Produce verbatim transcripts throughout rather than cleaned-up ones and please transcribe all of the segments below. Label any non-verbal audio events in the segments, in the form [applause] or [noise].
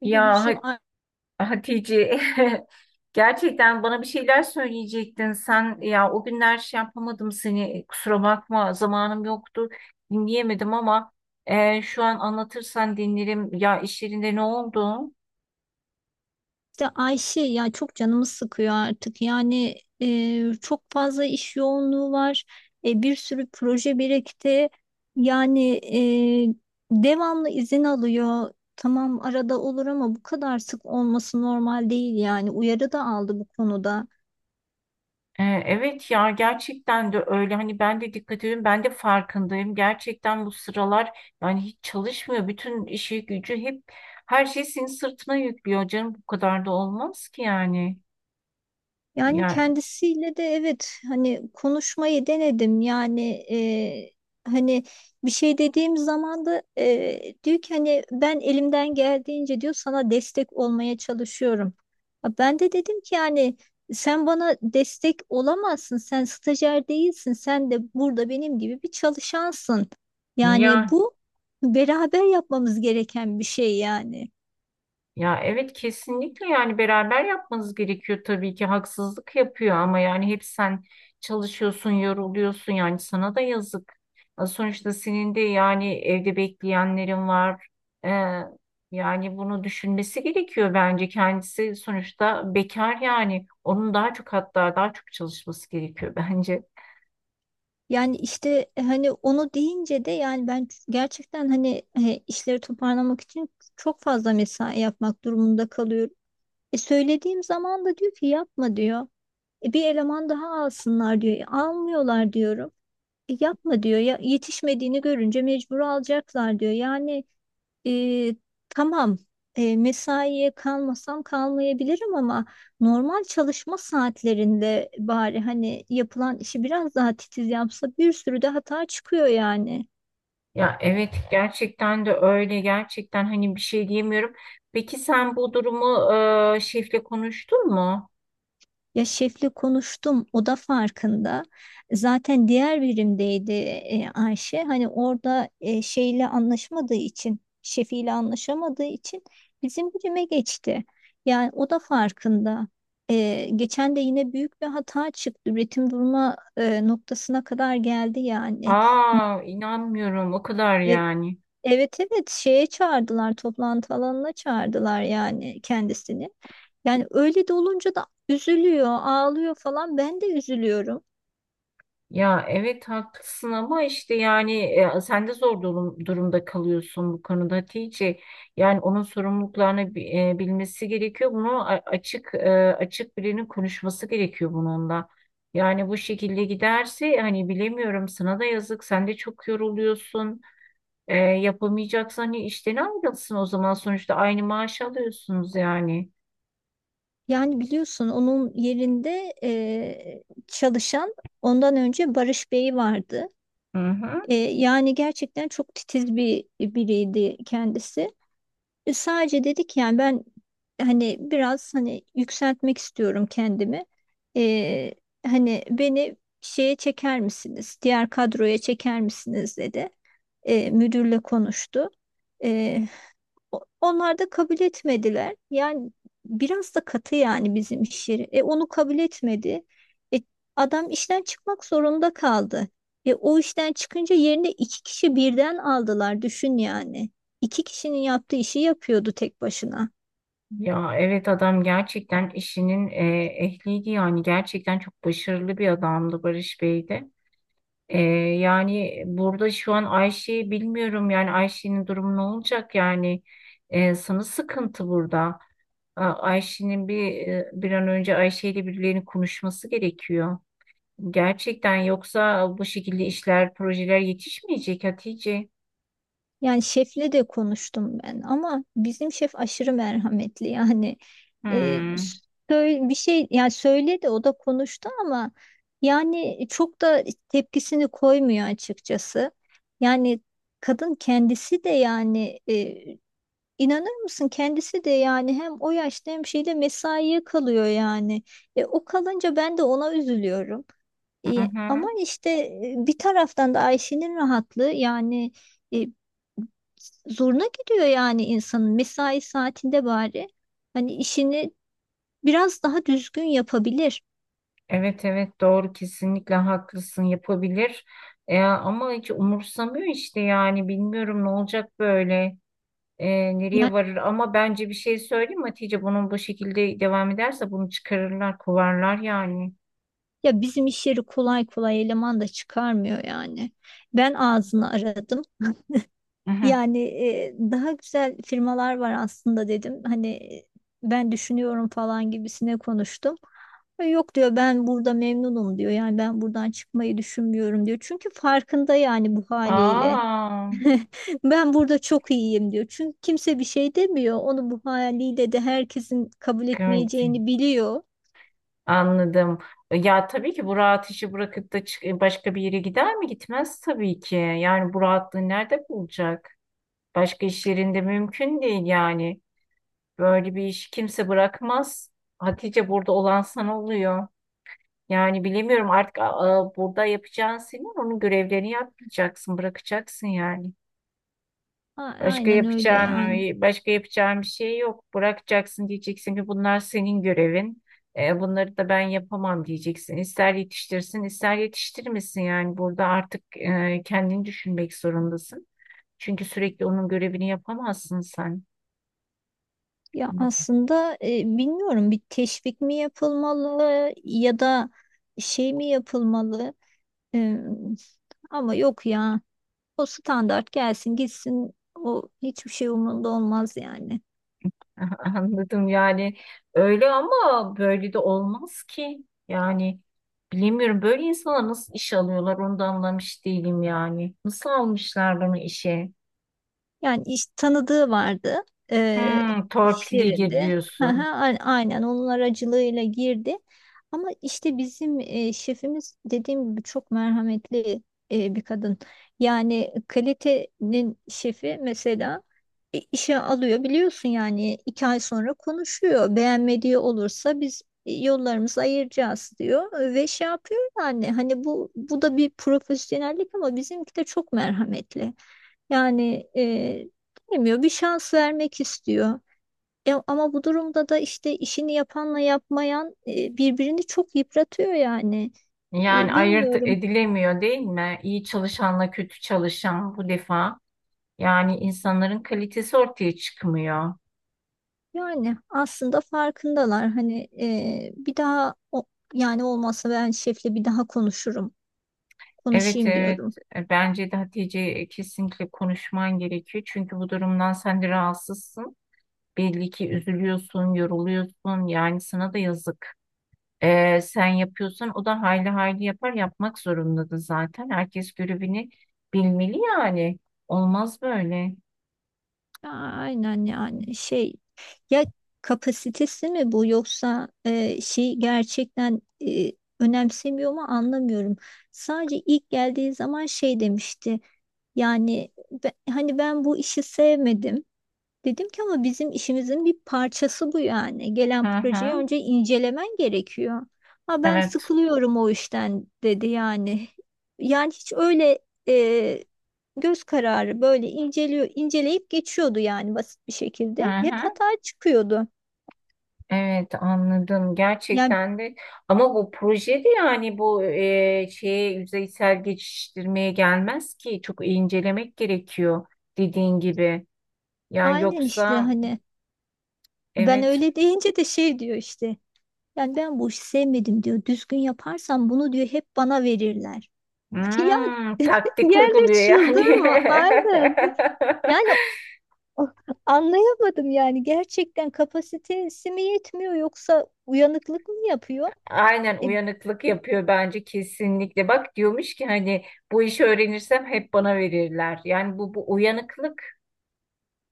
Ya Gülsüm Ha- Ay- Hatice [laughs] gerçekten bana bir şeyler söyleyecektin sen, ya o günler şey yapamadım seni, kusura bakma, zamanım yoktu, dinleyemedim ama e, şu an anlatırsan dinlerim. Ya iş yerinde ne oldu? işte Ayşe ya çok canımı sıkıyor artık yani. E, çok fazla iş yoğunluğu var. E, bir sürü proje birikti yani, e, devamlı izin alıyor. Tamam arada olur ama bu kadar sık olması normal değil yani, uyarı da aldı bu konuda. E, evet ya, gerçekten de öyle. Hani ben de dikkat ediyorum, ben de farkındayım gerçekten bu sıralar. Yani hiç çalışmıyor, bütün işi gücü, hep her şey senin sırtına yüklüyor canım. Bu kadar da olmaz ki yani. Yani Yani, kendisiyle de, evet, hani konuşmayı denedim yani e, hani, bir şey dediğim zaman da e, diyor ki hani, ben elimden geldiğince diyor sana destek olmaya çalışıyorum. Ha, ben de dedim ki yani sen bana destek olamazsın, sen stajyer değilsin, sen de burada benim gibi bir çalışansın. Yani ya. bu beraber yapmamız gereken bir şey yani. Ya evet, kesinlikle, yani beraber yapmanız gerekiyor tabii ki. Haksızlık yapıyor ama yani hep sen çalışıyorsun, yoruluyorsun, yani sana da yazık. Ya sonuçta senin de yani evde bekleyenlerin var. Ee, Yani bunu düşünmesi gerekiyor bence. Kendisi sonuçta bekar, yani onun daha çok, hatta daha çok çalışması gerekiyor [laughs] bence. Yani işte e, hani onu deyince de yani ben gerçekten hani, e, işleri toparlamak için çok fazla mesai yapmak durumunda kalıyorum. E, söylediğim zaman da diyor ki yapma diyor. E, bir eleman daha alsınlar diyor. E, almıyorlar diyorum. E, yapma diyor ya, yetişmediğini görünce mecbur alacaklar diyor. Yani e, tamam, e, mesaiye kalmasam kalmayabilirim ama normal çalışma saatlerinde bari hani yapılan işi biraz daha titiz yapsa, bir sürü de hata çıkıyor yani. Ya evet, gerçekten de öyle gerçekten, hani bir şey diyemiyorum. Peki sen bu durumu e, şefle konuştun mu? Ya şefle konuştum, o da farkında. Zaten diğer birimdeydi e, Ayşe. Hani orada e, şeyle anlaşamadığı için, şefiyle anlaşamadığı için bizim birime geçti. Yani o da farkında. E, geçen de yine büyük bir hata çıktı. Üretim durma e, noktasına kadar geldi yani. Aa, inanmıyorum o kadar yani. Evet evet, şeye çağırdılar, toplantı alanına çağırdılar yani kendisini. Yani öyle de olunca da üzülüyor, ağlıyor falan, ben de üzülüyorum. Ya evet, haklısın ama işte yani e, sen de zor durum- durumda kalıyorsun bu konuda Hatice. Yani onun sorumluluklarını bi- e, bilmesi gerekiyor. Bunu a- açık, e, açık birinin konuşması gerekiyor bununla. Yani bu şekilde giderse, hani bilemiyorum, sana da yazık. Sen de çok yoruluyorsun. E, yapamayacaksan hani işten ayrılsın o zaman. Sonuçta aynı maaş alıyorsunuz yani. Yani biliyorsun, onun yerinde eee, çalışan, ondan önce Barış Bey vardı. Hı hı. Eee, yani gerçekten çok titiz bir biriydi kendisi. E, Sadece dedik yani, ben hani biraz hani yükseltmek istiyorum kendimi. E, Hani beni şeye çeker misiniz? Diğer kadroya çeker misiniz dedi. E, müdürle konuştu. E, o- Onlar da kabul etmediler. Yani biraz da katı yani bizim iş yeri. E onu kabul etmedi. E, Adam işten çıkmak zorunda kaldı. E o işten çıkınca yerine iki kişi birden aldılar. Düşün yani. İki kişinin yaptığı işi yapıyordu tek başına. Ya evet, adam gerçekten işinin e, ehliydi yani, gerçekten çok başarılı bir adamdı Barış Bey de. E, Yani burada şu an Ayşe'yi bilmiyorum, yani Ayşe'nin durumu ne olacak yani. E, sana sıkıntı burada. A- Ayşe'nin bir e, bir an önce Ayşe ile birilerinin konuşması gerekiyor. Gerçekten, yoksa bu şekilde işler, projeler yetişmeyecek Hatice. Yani şefle de konuştum ben, ama bizim şef aşırı merhametli yani. e, Hmm. Söyle bir şey yani, söyledi, o da konuştu ama yani çok da tepkisini koymuyor açıkçası. Yani kadın kendisi de yani e, inanır mısın, kendisi de yani hem o yaşta hem şeyde mesaiye kalıyor yani. E, o kalınca ben de ona üzülüyorum. Hı E, ama hı. işte e, bir taraftan da Ayşe'nin rahatlığı yani. e, Zoruna gidiyor yani, insanın mesai saatinde bari hani işini biraz daha düzgün yapabilir. Evet evet, doğru, kesinlikle haklısın, yapabilir. E, ama hiç umursamıyor işte yani, bilmiyorum ne olacak böyle. E, nereye Yani varır? Ama bence bir şey söyleyeyim mi Hatice, bunun bu şekilde devam ederse bunu çıkarırlar, kovarlar yani. ya, bizim iş yeri kolay kolay eleman da çıkarmıyor yani. Ben ağzını aradım. [laughs] Hı hı. Yani e, daha güzel firmalar var aslında dedim. Hani e, ben düşünüyorum falan gibisine konuştum. E, Yok diyor, ben burada memnunum diyor. Yani ben buradan çıkmayı düşünmüyorum diyor. Çünkü farkında yani, bu haliyle. Aa, [laughs] Ben burada çok iyiyim diyor. Çünkü kimse bir şey demiyor. Onu bu haliyle de herkesin kabul gördüm. etmeyeceğini biliyor. Anladım. Ya tabii ki bu rahat işi bırakıp da çık- e, başka bir yere gider mi? Gitmez tabii ki. Yani bu rahatlığı nerede bulacak? Başka iş yerinde mümkün değil yani. Böyle bir iş kimse bırakmaz. Hatice, burada olan sana oluyor. Yani bilemiyorum artık, a- a, burada yapacağın, senin onun görevlerini yapmayacaksın, bırakacaksın yani. A- Başka Aynen öyle yapacağın, yani. başka yapacağın bir şey yok. Bırakacaksın, diyeceksin ki bunlar senin görevin. E, bunları da ben yapamam diyeceksin. İster yetiştirsin, ister yetiştirmesin yani. Burada artık e, kendini düşünmek zorundasın. Çünkü sürekli onun görevini yapamazsın sen. Ya aslında e, bilmiyorum, bir teşvik mi yapılmalı ya da şey mi yapılmalı? E, Ama yok ya. O standart gelsin gitsin. O hiçbir şey umurunda olmaz yani. [laughs] Anladım. Yani öyle ama böyle de olmaz ki. Yani bilemiyorum, böyle insanlar nasıl iş alıyorlar onu da anlamış değilim yani. Nasıl almışlar bunu işe? Yani iş tanıdığı vardı eee Hmm, iş torpilli gir yerinde. [laughs] Aha, diyorsun. a- aynen onun aracılığıyla girdi. Ama işte bizim eee, şefimiz dediğim gibi çok merhametli, eee, bir kadın. Yani kalitenin şefi mesela, e, işe alıyor biliyorsun yani, iki ay sonra konuşuyor. Beğenmediği olursa biz e, yollarımızı ayıracağız diyor ve şey yapıyor yani, hani bu bu da bir profesyonellik ama bizimki de çok merhametli. Yani e, bilmiyor, bir şans vermek istiyor. E, ama bu durumda da işte işini yapanla yapmayan e, birbirini çok yıpratıyor yani. Yani E, ayırt Bilmiyorum. edilemiyor değil mi? İyi çalışanla kötü çalışan bu defa. Yani insanların kalitesi ortaya çıkmıyor. Yani aslında farkındalar. Hani e, bir daha o, yani olmazsa ben şefle bir daha konuşurum. Evet Konuşayım evet. diyorum. E, bence de Hatice, e, kesinlikle konuşman gerekiyor. Çünkü bu durumdan sen de rahatsızsın. Belli ki üzülüyorsun, yoruluyorsun. Yani sana da yazık. Ee, sen yapıyorsan o da hayli hayli yapar. Yapmak zorundadır zaten. Herkes görevini bilmeli yani. Olmaz böyle. Aynen yani, şey, ya kapasitesi mi bu yoksa e, şey gerçekten e, önemsemiyor mu anlamıyorum. Sadece ilk geldiği zaman şey demişti yani, be- hani ben bu işi sevmedim. Dedim ki ama bizim işimizin bir parçası bu yani. Hı Gelen projeyi hı. önce incelemen gerekiyor. Ha ben Evet. sıkılıyorum o işten dedi yani. Yani hiç öyle e, göz kararı böyle inceliyor, inceleyip geçiyordu yani, basit bir Hı şekilde. Hep hı. hata çıkıyordu. Evet, anladım Yani gerçekten de ama bu projede yani bu e, şeye, yüzeysel geçiştirmeye gelmez ki, çok iyi incelemek gerekiyor dediğin gibi. Yani aynen işte yoksa hani, ben evet. öyle [laughs] deyince de şey diyor işte. Yani ben bu işi sevmedim diyor. Düzgün yaparsam bunu diyor hep bana verirler. [laughs] Ya Hmm, [laughs] taktik yerde uyguluyor yani. çıldırma aynen. Yani o- anlayamadım yani, gerçekten kapasitesi mi yetmiyor yoksa uyanıklık mı yapıyor? [laughs] Aynen, E, uyanıklık yapıyor bence kesinlikle. Bak diyormuş ki hani bu işi öğrenirsem hep bana verirler, yani bu bu uyanıklık.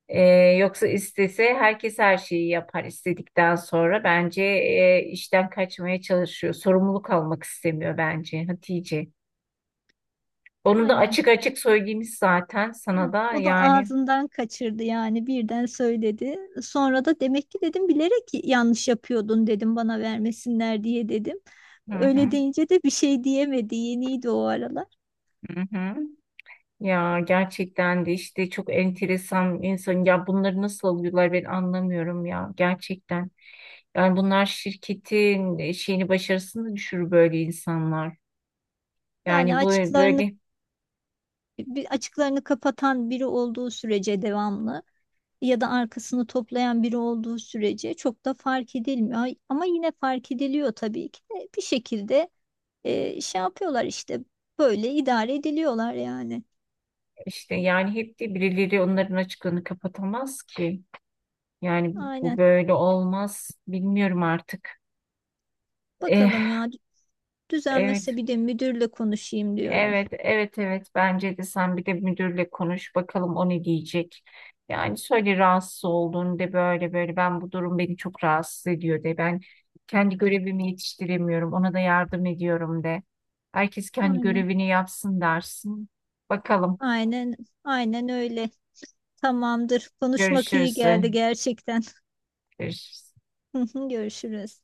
Ee, yoksa istese herkes her şeyi yapar istedikten sonra. Bence e, işten kaçmaya çalışıyor. Sorumluluk almak istemiyor bence Hatice. Onu da aynen. açık açık söylemiş zaten sana da O da yani. ağzından kaçırdı yani, birden söyledi. Sonra da demek ki dedim bilerek yanlış yapıyordun, dedim bana vermesinler diye, dedim. Hı Öyle hı, deyince de bir şey diyemedi. Yeniydi o aralar. hı hı. Ya gerçekten de işte çok enteresan insan ya, bunları nasıl alıyorlar ben anlamıyorum ya gerçekten. Yani bunlar şirketin e, şeyini, başarısını düşürür böyle insanlar. Yani Yani bu açıklarını böyle Bir açıklarını kapatan biri olduğu sürece devamlı, ya da arkasını toplayan biri olduğu sürece çok da fark edilmiyor. Ay- Ama yine fark ediliyor tabii ki de bir şekilde, e, şey yapıyorlar işte, böyle idare ediliyorlar yani. İşte yani hep de birileri onların açığını kapatamaz ki. Yani bu Aynen. böyle olmaz. Bilmiyorum artık. Eh, Bakalım ya, evet, düzelmezse bir de müdürle konuşayım diyorum. evet, evet, evet. Bence de sen bir de müdürle konuş bakalım o ne diyecek. Yani söyle rahatsız olduğunu, de böyle böyle, ben bu durum beni çok rahatsız ediyor de, ben kendi görevimi yetiştiremiyorum, ona da yardım ediyorum de. Herkes kendi Aynen. görevini yapsın dersin. Bakalım, Aynen, aynen öyle. Tamamdır. Konuşmak iyi görüşürüz. geldi gerçekten. Görüşürüz. [laughs] Görüşürüz.